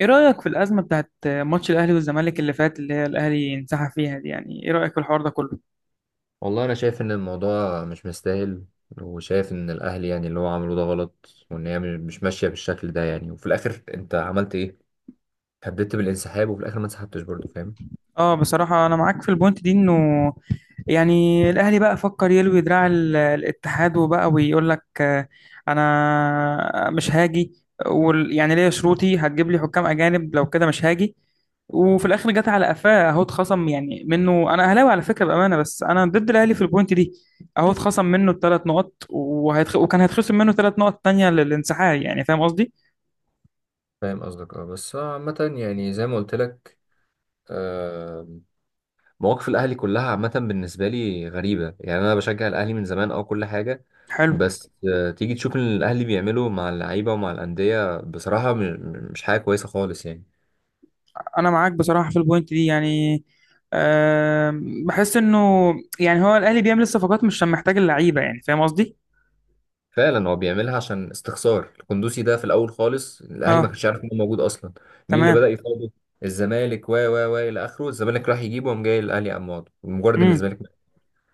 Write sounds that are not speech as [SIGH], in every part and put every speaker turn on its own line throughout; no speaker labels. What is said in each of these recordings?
ايه رأيك في الأزمة بتاعت ماتش الأهلي والزمالك اللي فات، اللي هي الأهلي انسحب فيها دي؟ يعني ايه رأيك في الحوار ده كله؟
والله انا شايف ان الموضوع مش مستاهل، وشايف ان الاهل يعني اللي هو عمله ده غلط وان هي مش ماشيه بالشكل ده يعني. وفي الاخر انت عملت ايه؟ هددت بالانسحاب وفي الاخر ما انسحبتش برضه، فاهم؟
اه، بصراحة أنا معاك في البوينت دي. إنه يعني الأهلي بقى فكر يلوي دراع الاتحاد، وبقى ويقول لك، أنا مش هاجي. يعني ليا شروطي، هتجيب لي حكام أجانب، لو كده مش هاجي. وفي الآخر جت على قفاه، أهو اتخصم يعني منه. أنا أهلاوي على فكرة بأمانة، بس أنا ضد الأهلي في البوينت دي. أهو اتخصم منه الثلاث نقط، وكان هيتخصم منه ثلاث نقط تانية للانسحاب، يعني فاهم قصدي؟
فاهم قصدك، اه. بس عامه يعني زي ما قلت لك. آه، مواقف الاهلي كلها عامه بالنسبه لي غريبه يعني. انا بشجع الاهلي من زمان او كل حاجه،
حلو.
بس تيجي تشوف اللي الاهلي بيعمله مع اللعيبه ومع الانديه بصراحه مش حاجه كويسه خالص يعني.
انا معاك بصراحه في البوينت دي، يعني بحس انه يعني هو الاهلي بيعمل الصفقات مش عشان محتاج اللعيبه، يعني فاهم قصدي.
فعلا هو بيعملها عشان استخسار القندوسي ده. في الاول خالص الاهلي ما
اه.
كانش عارف ان هو موجود اصلا. مين اللي
تمام.
بدا يفاوضه؟ الزمالك، و الى اخره. الزمالك راح يجيبه وقام جاي الاهلي قام واخده، مجرد ان
امم.
الزمالك.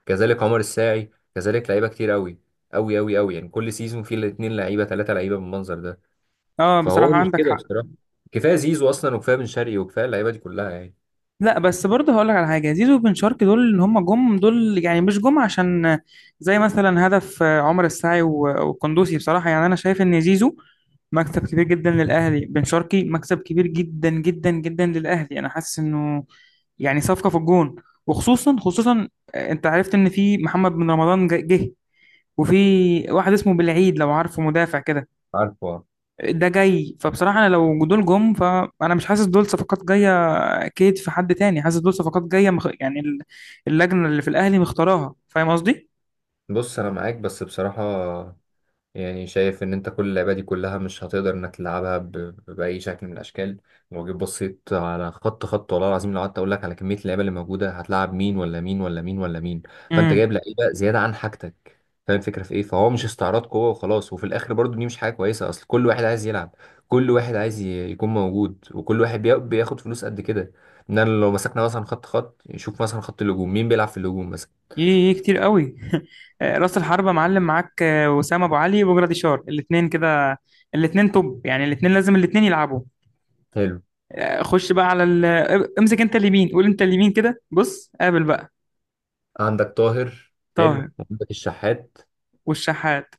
كذلك عمر الساعي، كذلك لعيبه كتير قوي قوي قوي قوي يعني. كل سيزون فيه الاثنين لعيبه ثلاثه لعيبه بالمنظر ده.
اه،
فهو
بصراحه
مش
عندك
كده
حق.
بصراحه، كفايه زيزو اصلا وكفايه بن شرقي وكفايه اللعيبه دي كلها يعني.
لا بس برضه هقول لك على حاجه، زيزو وبن شرقي دول، اللي هم جم دول يعني مش جم عشان زي مثلا هدف عمر السعي والقندوسي. بصراحه يعني انا شايف ان زيزو مكسب كبير جدا للأهلي، بن شرقي مكسب كبير جدا جدا جدا للأهلي، أنا حاسس إنه يعني صفقة في الجون. وخصوصا خصوصا أنت عرفت إن في محمد بن رمضان جه، وفي واحد اسمه بالعيد، لو عارفه، مدافع كده،
عارفه.
ده جاي. فبصراحة أنا لو دول جم، فأنا مش حاسس دول صفقات جاية. أكيد في حد تاني حاسس دول صفقات جاية، يعني اللجنة اللي في الأهلي مختاراها. فاهم قصدي؟
بص انا معاك، بس بصراحه يعني شايف ان انت كل اللعبة دي كلها مش هتقدر انك تلعبها بأي شكل من الاشكال. لو جيت بصيت على خط والله العظيم، لو قعدت اقول لك على كمية اللعيبة اللي موجودة هتلعب مين ولا مين ولا مين ولا مين. فانت
مم.
جايب لعيبة زيادة عن حاجتك. فاهم الفكرة في ايه؟ فهو مش استعراض قوة وخلاص، وفي الاخر برضو دي مش حاجة كويسة، اصل كل واحد عايز يلعب، كل واحد عايز يكون موجود، وكل واحد بياخد فلوس قد كده. ان انا لو مسكنا مثلا خط، نشوف مثلا خط الهجوم مين بيلعب في الهجوم مثلا.
ايه، إيه، إيه، كتير قوي. [LAUGHS] راس الحربة معلم، معاك وسام ابو علي وبجرادي شار، الاثنين كده، الاثنين توب، يعني الاثنين لازم الاثنين يلعبوا.
حلو.
آه، خش بقى على ال... آه، امسك انت اليمين، قول انت اليمين كده، بص قابل بقى.
عندك طاهر. حلو،
طاهر.
عندك الشحات،
والشحات.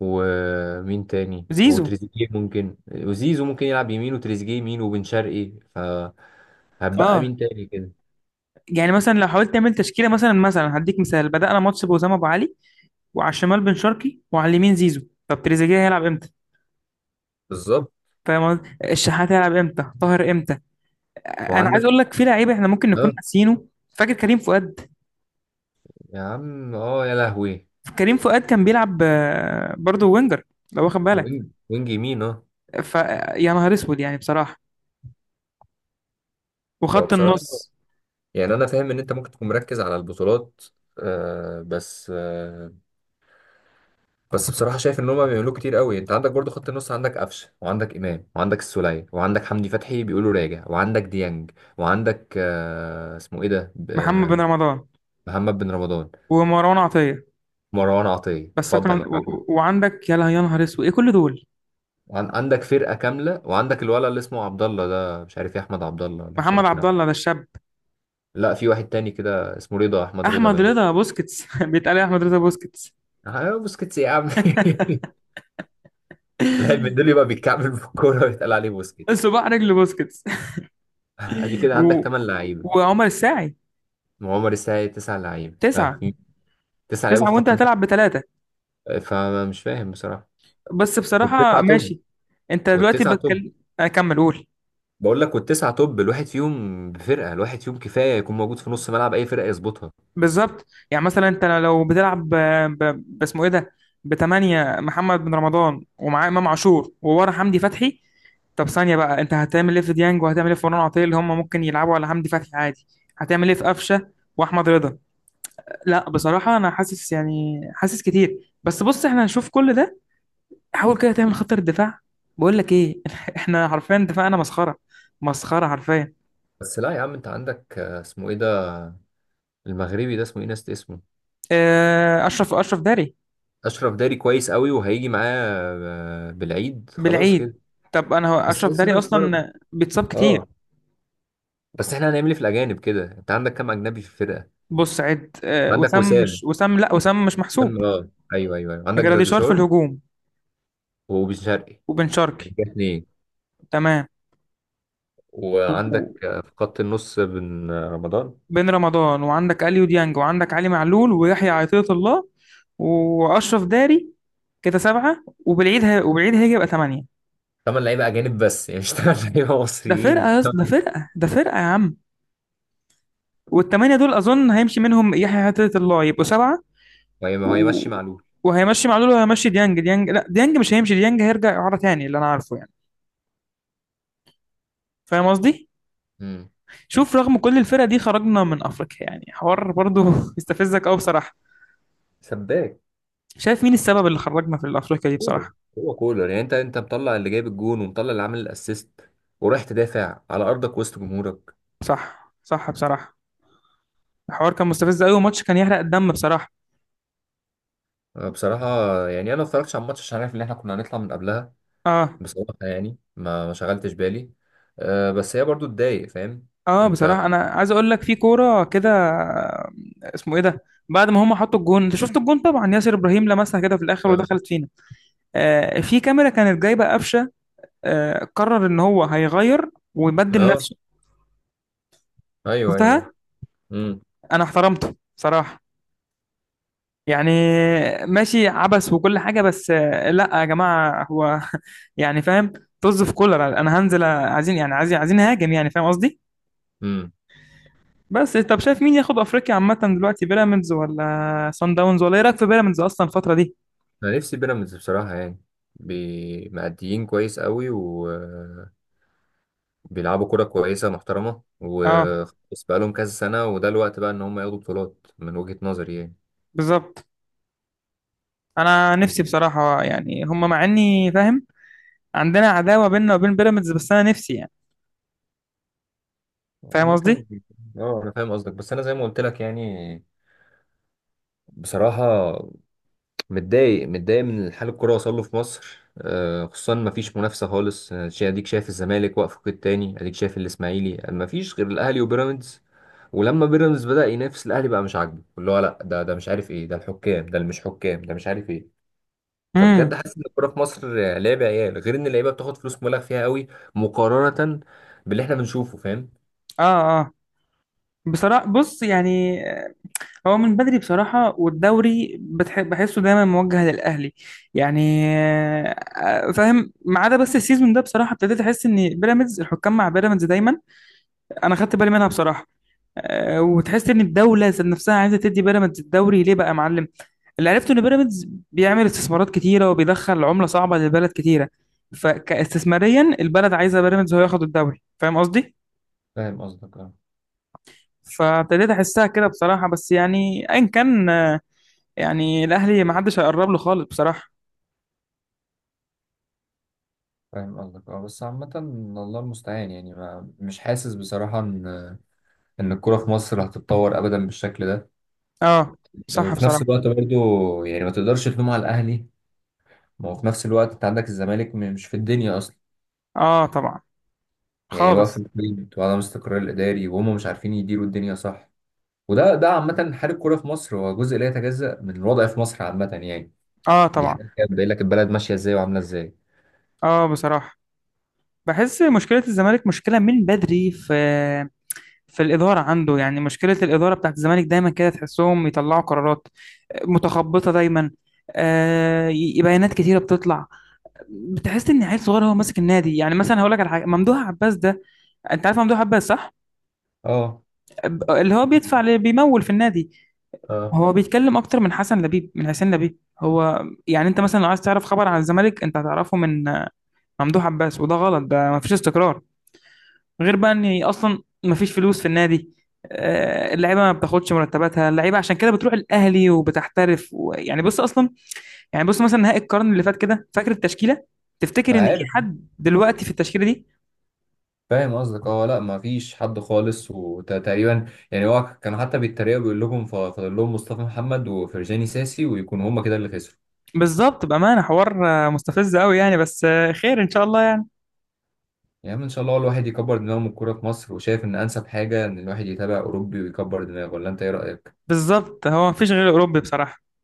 ومين تاني؟
زيزو.
وتريزيجيه ممكن، وزيزو ممكن يلعب يمين، وتريزيجيه يمين، وبن شرقي، فهتبقى
اه.
مين تاني كده؟
يعني مثلا لو حاولت تعمل تشكيله، مثلا هديك مثال، بدأنا ماتش بوسام ابو علي، وعلى الشمال بن شرقي، وعلى اليمين زيزو. طب تريزيجيه هيلعب امتى؟
بالظبط.
فاهم قصدي؟ الشحات هيلعب امتى؟ طاهر امتى؟ آه، انا عايز
وعندك،
اقول لك في لعيبه احنا ممكن نكون
اه،
ناسيينه، فاكر كريم فؤاد؟
يا عم اه، يا لهوي.
كريم فؤاد كان بيلعب برضه وينجر، لو واخد بالك.
وينج يمين، اه.
ف يا نهار اسود يعني بصراحه. وخط
فبصراحة
النص:
يعني أنا فاهم إن أنت ممكن تكون مركز على البطولات، آه، بس آه، بس بصراحة شايف إن هما بيعملوه كتير قوي. أنت عندك برضو خط النص، عندك قفشة، وعندك إمام، وعندك السولية، وعندك حمدي فتحي بيقولوا راجع، وعندك ديانج، وعندك آه، اسمه إيه ده،
محمد بن رمضان،
محمد بن رمضان،
ومروان عطيه،
مروان عطية،
بس أكرم
اتفضل يا احمد.
وعندك، يا نهار اسود، ايه كل دول؟
عندك فرقة كاملة، وعندك الولد اللي اسمه عبد الله ده، مش عارف ايه، احمد عبد الله ولا مش
محمد
عارف مين،
عبد الله ده الشاب.
لا في واحد تاني كده اسمه رضا، احمد رضا
احمد
باين.
رضا بوسكيتس [LAUGHS] بيتقال إيه؟ احمد رضا بوسكيتس.
اه، بوسكيتس يا عم. [LAUGHS] لاعب من دول
[LAUGHS]
يبقى بيتكعبل في الكورة ويتقال عليه بوسكيت.
صباع رجل بوسكيتس.
[LAUGHS] ادي كده عندك
و...
تمن لعيبة،
وعمر الساعي.
وعمر السعيد تسع لعيبة. ها،
تسعة.
في تسع لعيبة
تسعة
في
وانت
خط
هتلعب
النص.
بثلاثة؟
فمش فاهم بصراحة.
بس
والتسعة
بصراحة
توب.
ماشي. انت دلوقتي
والتسعة توب.
بتكلم، اكمل قول.
بقول لك والتسعة توب، الواحد فيهم بفرقة، الواحد فيهم كفاية يكون موجود في نص ملعب أي فرقة يظبطها.
بالظبط. يعني مثلا انت لو بتلعب باسمه ايه ده، بتمانية، محمد بن رمضان ومعاه امام عاشور وورا حمدي فتحي. طب ثانية بقى، انت هتعمل ايه في ديانج؟ وهتعمل ايه في مروان عطية؟ اللي هم ممكن يلعبوا على حمدي فتحي عادي. هتعمل ايه في قفشة واحمد رضا؟ لا بصراحة انا حاسس، يعني حاسس كتير، بس بص احنا هنشوف كل ده. حاول كده تعمل خطة الدفاع. بقول لك ايه؟ [LAUGHS] احنا حرفيا دفاعنا مسخرة، مسخرة حرفيا.
بس لا يا عم، أنت عندك آه، اسمه إيه ده، المغربي ده اسمه ايه، ناس اسمه.
اه، اشرف داري.
اشرف داري كويس قوي، وهيجي معاه بالعيد، خلاص كده.
بالعيد. طب انا، هو
بس
اشرف
لسه انا
داري
مستغرب،
اصلا بيتصاب كتير.
اه. بس احنا هنعمل ايه في الاجانب كده؟ انت عندك كام اجنبي في الفرقه؟
بص عد،
عندك
وسام،
وسام.
مش وسام، لا وسام مش محسوب.
وسام، اه. ايوه ايوه ايوه، عندك
جراديشار في
جراديشار
الهجوم،
وبن شرقي،
وبن
ده
شرقي.
اتنين.
تمام. وبن
وعندك آه، في خط النص، بن آه، رمضان.
رمضان، وعندك اليو ديانج، وعندك علي معلول، ويحيى عطية الله، واشرف داري، كده سبعة. وبالعيد هيجي، يبقى ثمانية.
تمن لعيبه اجانب بس، يعني مش تمن لعيبه
ده
مصريين.
فرقة يا
[LAUGHS]
اسطى، ده فرقة، ده فرقة يا عم. والثمانية دول أظن هيمشي منهم يحيى عطية الله، يبقوا سبعة
وهي ما هو
و...
يمشي معلول.
وهيمشي معلول، وهيمشي ديانج لا، ديانج مش هيمشي، ديانج هيرجع إعارة تاني، اللي أنا عارفه يعني. فاهم قصدي؟
امم.
شوف رغم كل الفرق دي خرجنا من أفريقيا، يعني حوار برضو [LAUGHS] يستفزك أوي بصراحة.
سباك.
شايف مين السبب اللي خرجنا في أفريقيا دي
كولر.
بصراحة؟
هو كولر يعني، انت انت مطلع اللي جايب الجون ومطلع اللي عامل الاسيست، ورايح تدافع على ارضك وسط جمهورك.
صح، صح بصراحة. الحوار كان مستفز أوي، وماتش كان يحرق الدم بصراحة.
أه بصراحه، يعني انا ما اتفرجتش على الماتش عشان عارف ان احنا كنا هنطلع من قبلها.
اه.
بصراحه يعني ما شغلتش بالي. أه بس هي برضو تضايق، فاهم؟
اه،
انت.
بصراحة أنا عايز أقول لك في كورة كده، اسمه إيه ده؟ بعد ما هم حطوا الجون، انت شفت الجون طبعا، ياسر ابراهيم لمسها كده في الاخر
اه.
ودخلت فينا. آه، في كاميرا كانت جايبه قفشه، قرر ان هو هيغير ويبدل
آه،
نفسه.
ايوه ايوه.
شفتها؟
امم.
انا احترمته صراحة. يعني ماشي عبث وكل حاجة، بس لا يا جماعة، هو [LAUGHS] يعني فاهم، طز في كولر، انا هنزل. عايزين يعني، عايزين، عايزين هاجم، يعني فاهم قصدي.
امم.
بس طب شايف مين ياخد افريقيا عامة دلوقتي؟ بيراميدز ولا سان داونز؟ ولا ايه رايك في بيراميدز اصلا الفترة دي؟
انا نفسي بيراميدز بصراحه يعني، مأديين كويس قوي، وبيلعبوا كرة كويسة محترمة
اه.
وخلاص، بقالهم كذا سنة، وده الوقت بقى ان هم ياخدوا بطولات من وجهة نظري يعني.
بالظبط. انا نفسي
عامة.
بصراحة يعني هم، مع اني فاهم عندنا عداوة بيننا وبين بيراميدز، بس انا نفسي يعني، فاهم قصدي.
اه انا فاهم قصدك، بس انا زي ما قلت لك يعني بصراحة متضايق، متضايق من حال الكرة وصل له في مصر. آه، خصوصا ما فيش منافسة خالص، آه، اديك شايف الزمالك واقف في قيد تاني، اديك شايف الاسماعيلي، ما فيش غير الاهلي وبيراميدز. ولما بيراميدز بدأ ينافس الاهلي بقى مش عاجبه، اللي هو لا ده مش عارف ايه، ده الحكام، ده اللي مش حكام، ده مش عارف ايه.
امم.
فبجد حاسس ان الكوره في مصر آه، لعب عيال، غير ان اللعيبه بتاخد فلوس مبالغ فيها قوي مقارنه باللي احنا بنشوفه، فاهم؟
اه. اه بصراحة بص يعني، هو من بدري بصراحة، والدوري بحسه دايما موجه للأهلي، يعني. فاهم، ما عدا بس السيزون ده بصراحة ابتديت أحس إن بيراميدز، الحكام مع بيراميدز دايما. أنا خدت بالي منها بصراحة. وتحس إن الدولة ذات نفسها عايزة تدي بيراميدز الدوري. ليه بقى يا معلم؟ اللي عرفته إن بيراميدز بيعمل استثمارات كتيرة، وبيدخل عملة صعبة للبلد كتيرة، فكاستثماريا البلد عايزة بيراميدز هو ياخد الدوري، فاهم قصدي؟
فاهم قصدك، اه.
فابتديت أحسها كده بصراحة، بس يعني أيا كان، يعني الاهلي ما حدش هيقرب له خالص بصراحه.
فاهم قصدك، اه. بس عامة الله المستعان يعني، ما مش حاسس بصراحة ان ان الكورة في مصر هتتطور ابدا بالشكل ده.
اه
آه،
صح
وفي نفس
بصراحه.
الوقت برضو يعني ما تقدرش تلوم على الاهلي، ما هو في نفس الوقت انت عندك الزمالك مش في الدنيا اصلا
اه طبعا.
يعني، واقف
خالص.
البيت وعدم استقرار الاداري وهم مش عارفين يديروا الدنيا، صح؟ وده عامة حال الكورة في مصر هو جزء لا يتجزأ من الوضع في مصر عامة يعني،
اه
دي
طبعا.
حاجة بتبين لك البلد ماشية ازاي وعاملة ازاي.
اه بصراحه. بحس مشكله الزمالك، مشكله من بدري في الاداره عنده، يعني مشكله الاداره بتاعت الزمالك دايما كده، تحسهم يطلعوا قرارات متخبطه دايما. بيانات كتيره بتطلع، بتحس ان عيل صغير هو ماسك النادي. يعني مثلا هقول لك على حاجه، ممدوح عباس ده، انت عارف ممدوح عباس صح؟
اه.
اللي هو بيدفع، اللي بيمول في النادي،
اه.
هو بيتكلم اكتر من حسن لبيب، من حسين لبيب. هو يعني انت مثلا لو عايز تعرف خبر عن الزمالك، انت هتعرفه من ممدوح عباس، وده غلط، ده مفيش استقرار. غير بقى ان اصلا مفيش فلوس في النادي، اللعيبه ما بتاخدش مرتباتها، اللعيبه عشان كده بتروح الاهلي وبتحترف، ويعني بص اصلا، يعني بص مثلا نهائي القرن اللي فات كده، فاكر التشكيله؟ تفتكر ان في
عارف.
حد دلوقتي في التشكيله دي؟
فاهم قصدك، اه. لا ما فيش حد خالص، وتقريبا يعني هو كان حتى بيتريقوا بيقول لكم فاضل لهم مصطفى محمد وفرجاني ساسي ويكونوا هما كده اللي خسروا.
بالظبط. بامانه حوار مستفز قوي يعني، بس خير ان شاء الله يعني.
يا عم ان شاء الله الواحد يكبر دماغه من الكوره في مصر، وشايف ان انسب حاجه ان الواحد يتابع اوروبي ويكبر دماغه، ولا انت ايه رايك؟
بالظبط، هو مفيش غير اوروبي بصراحه.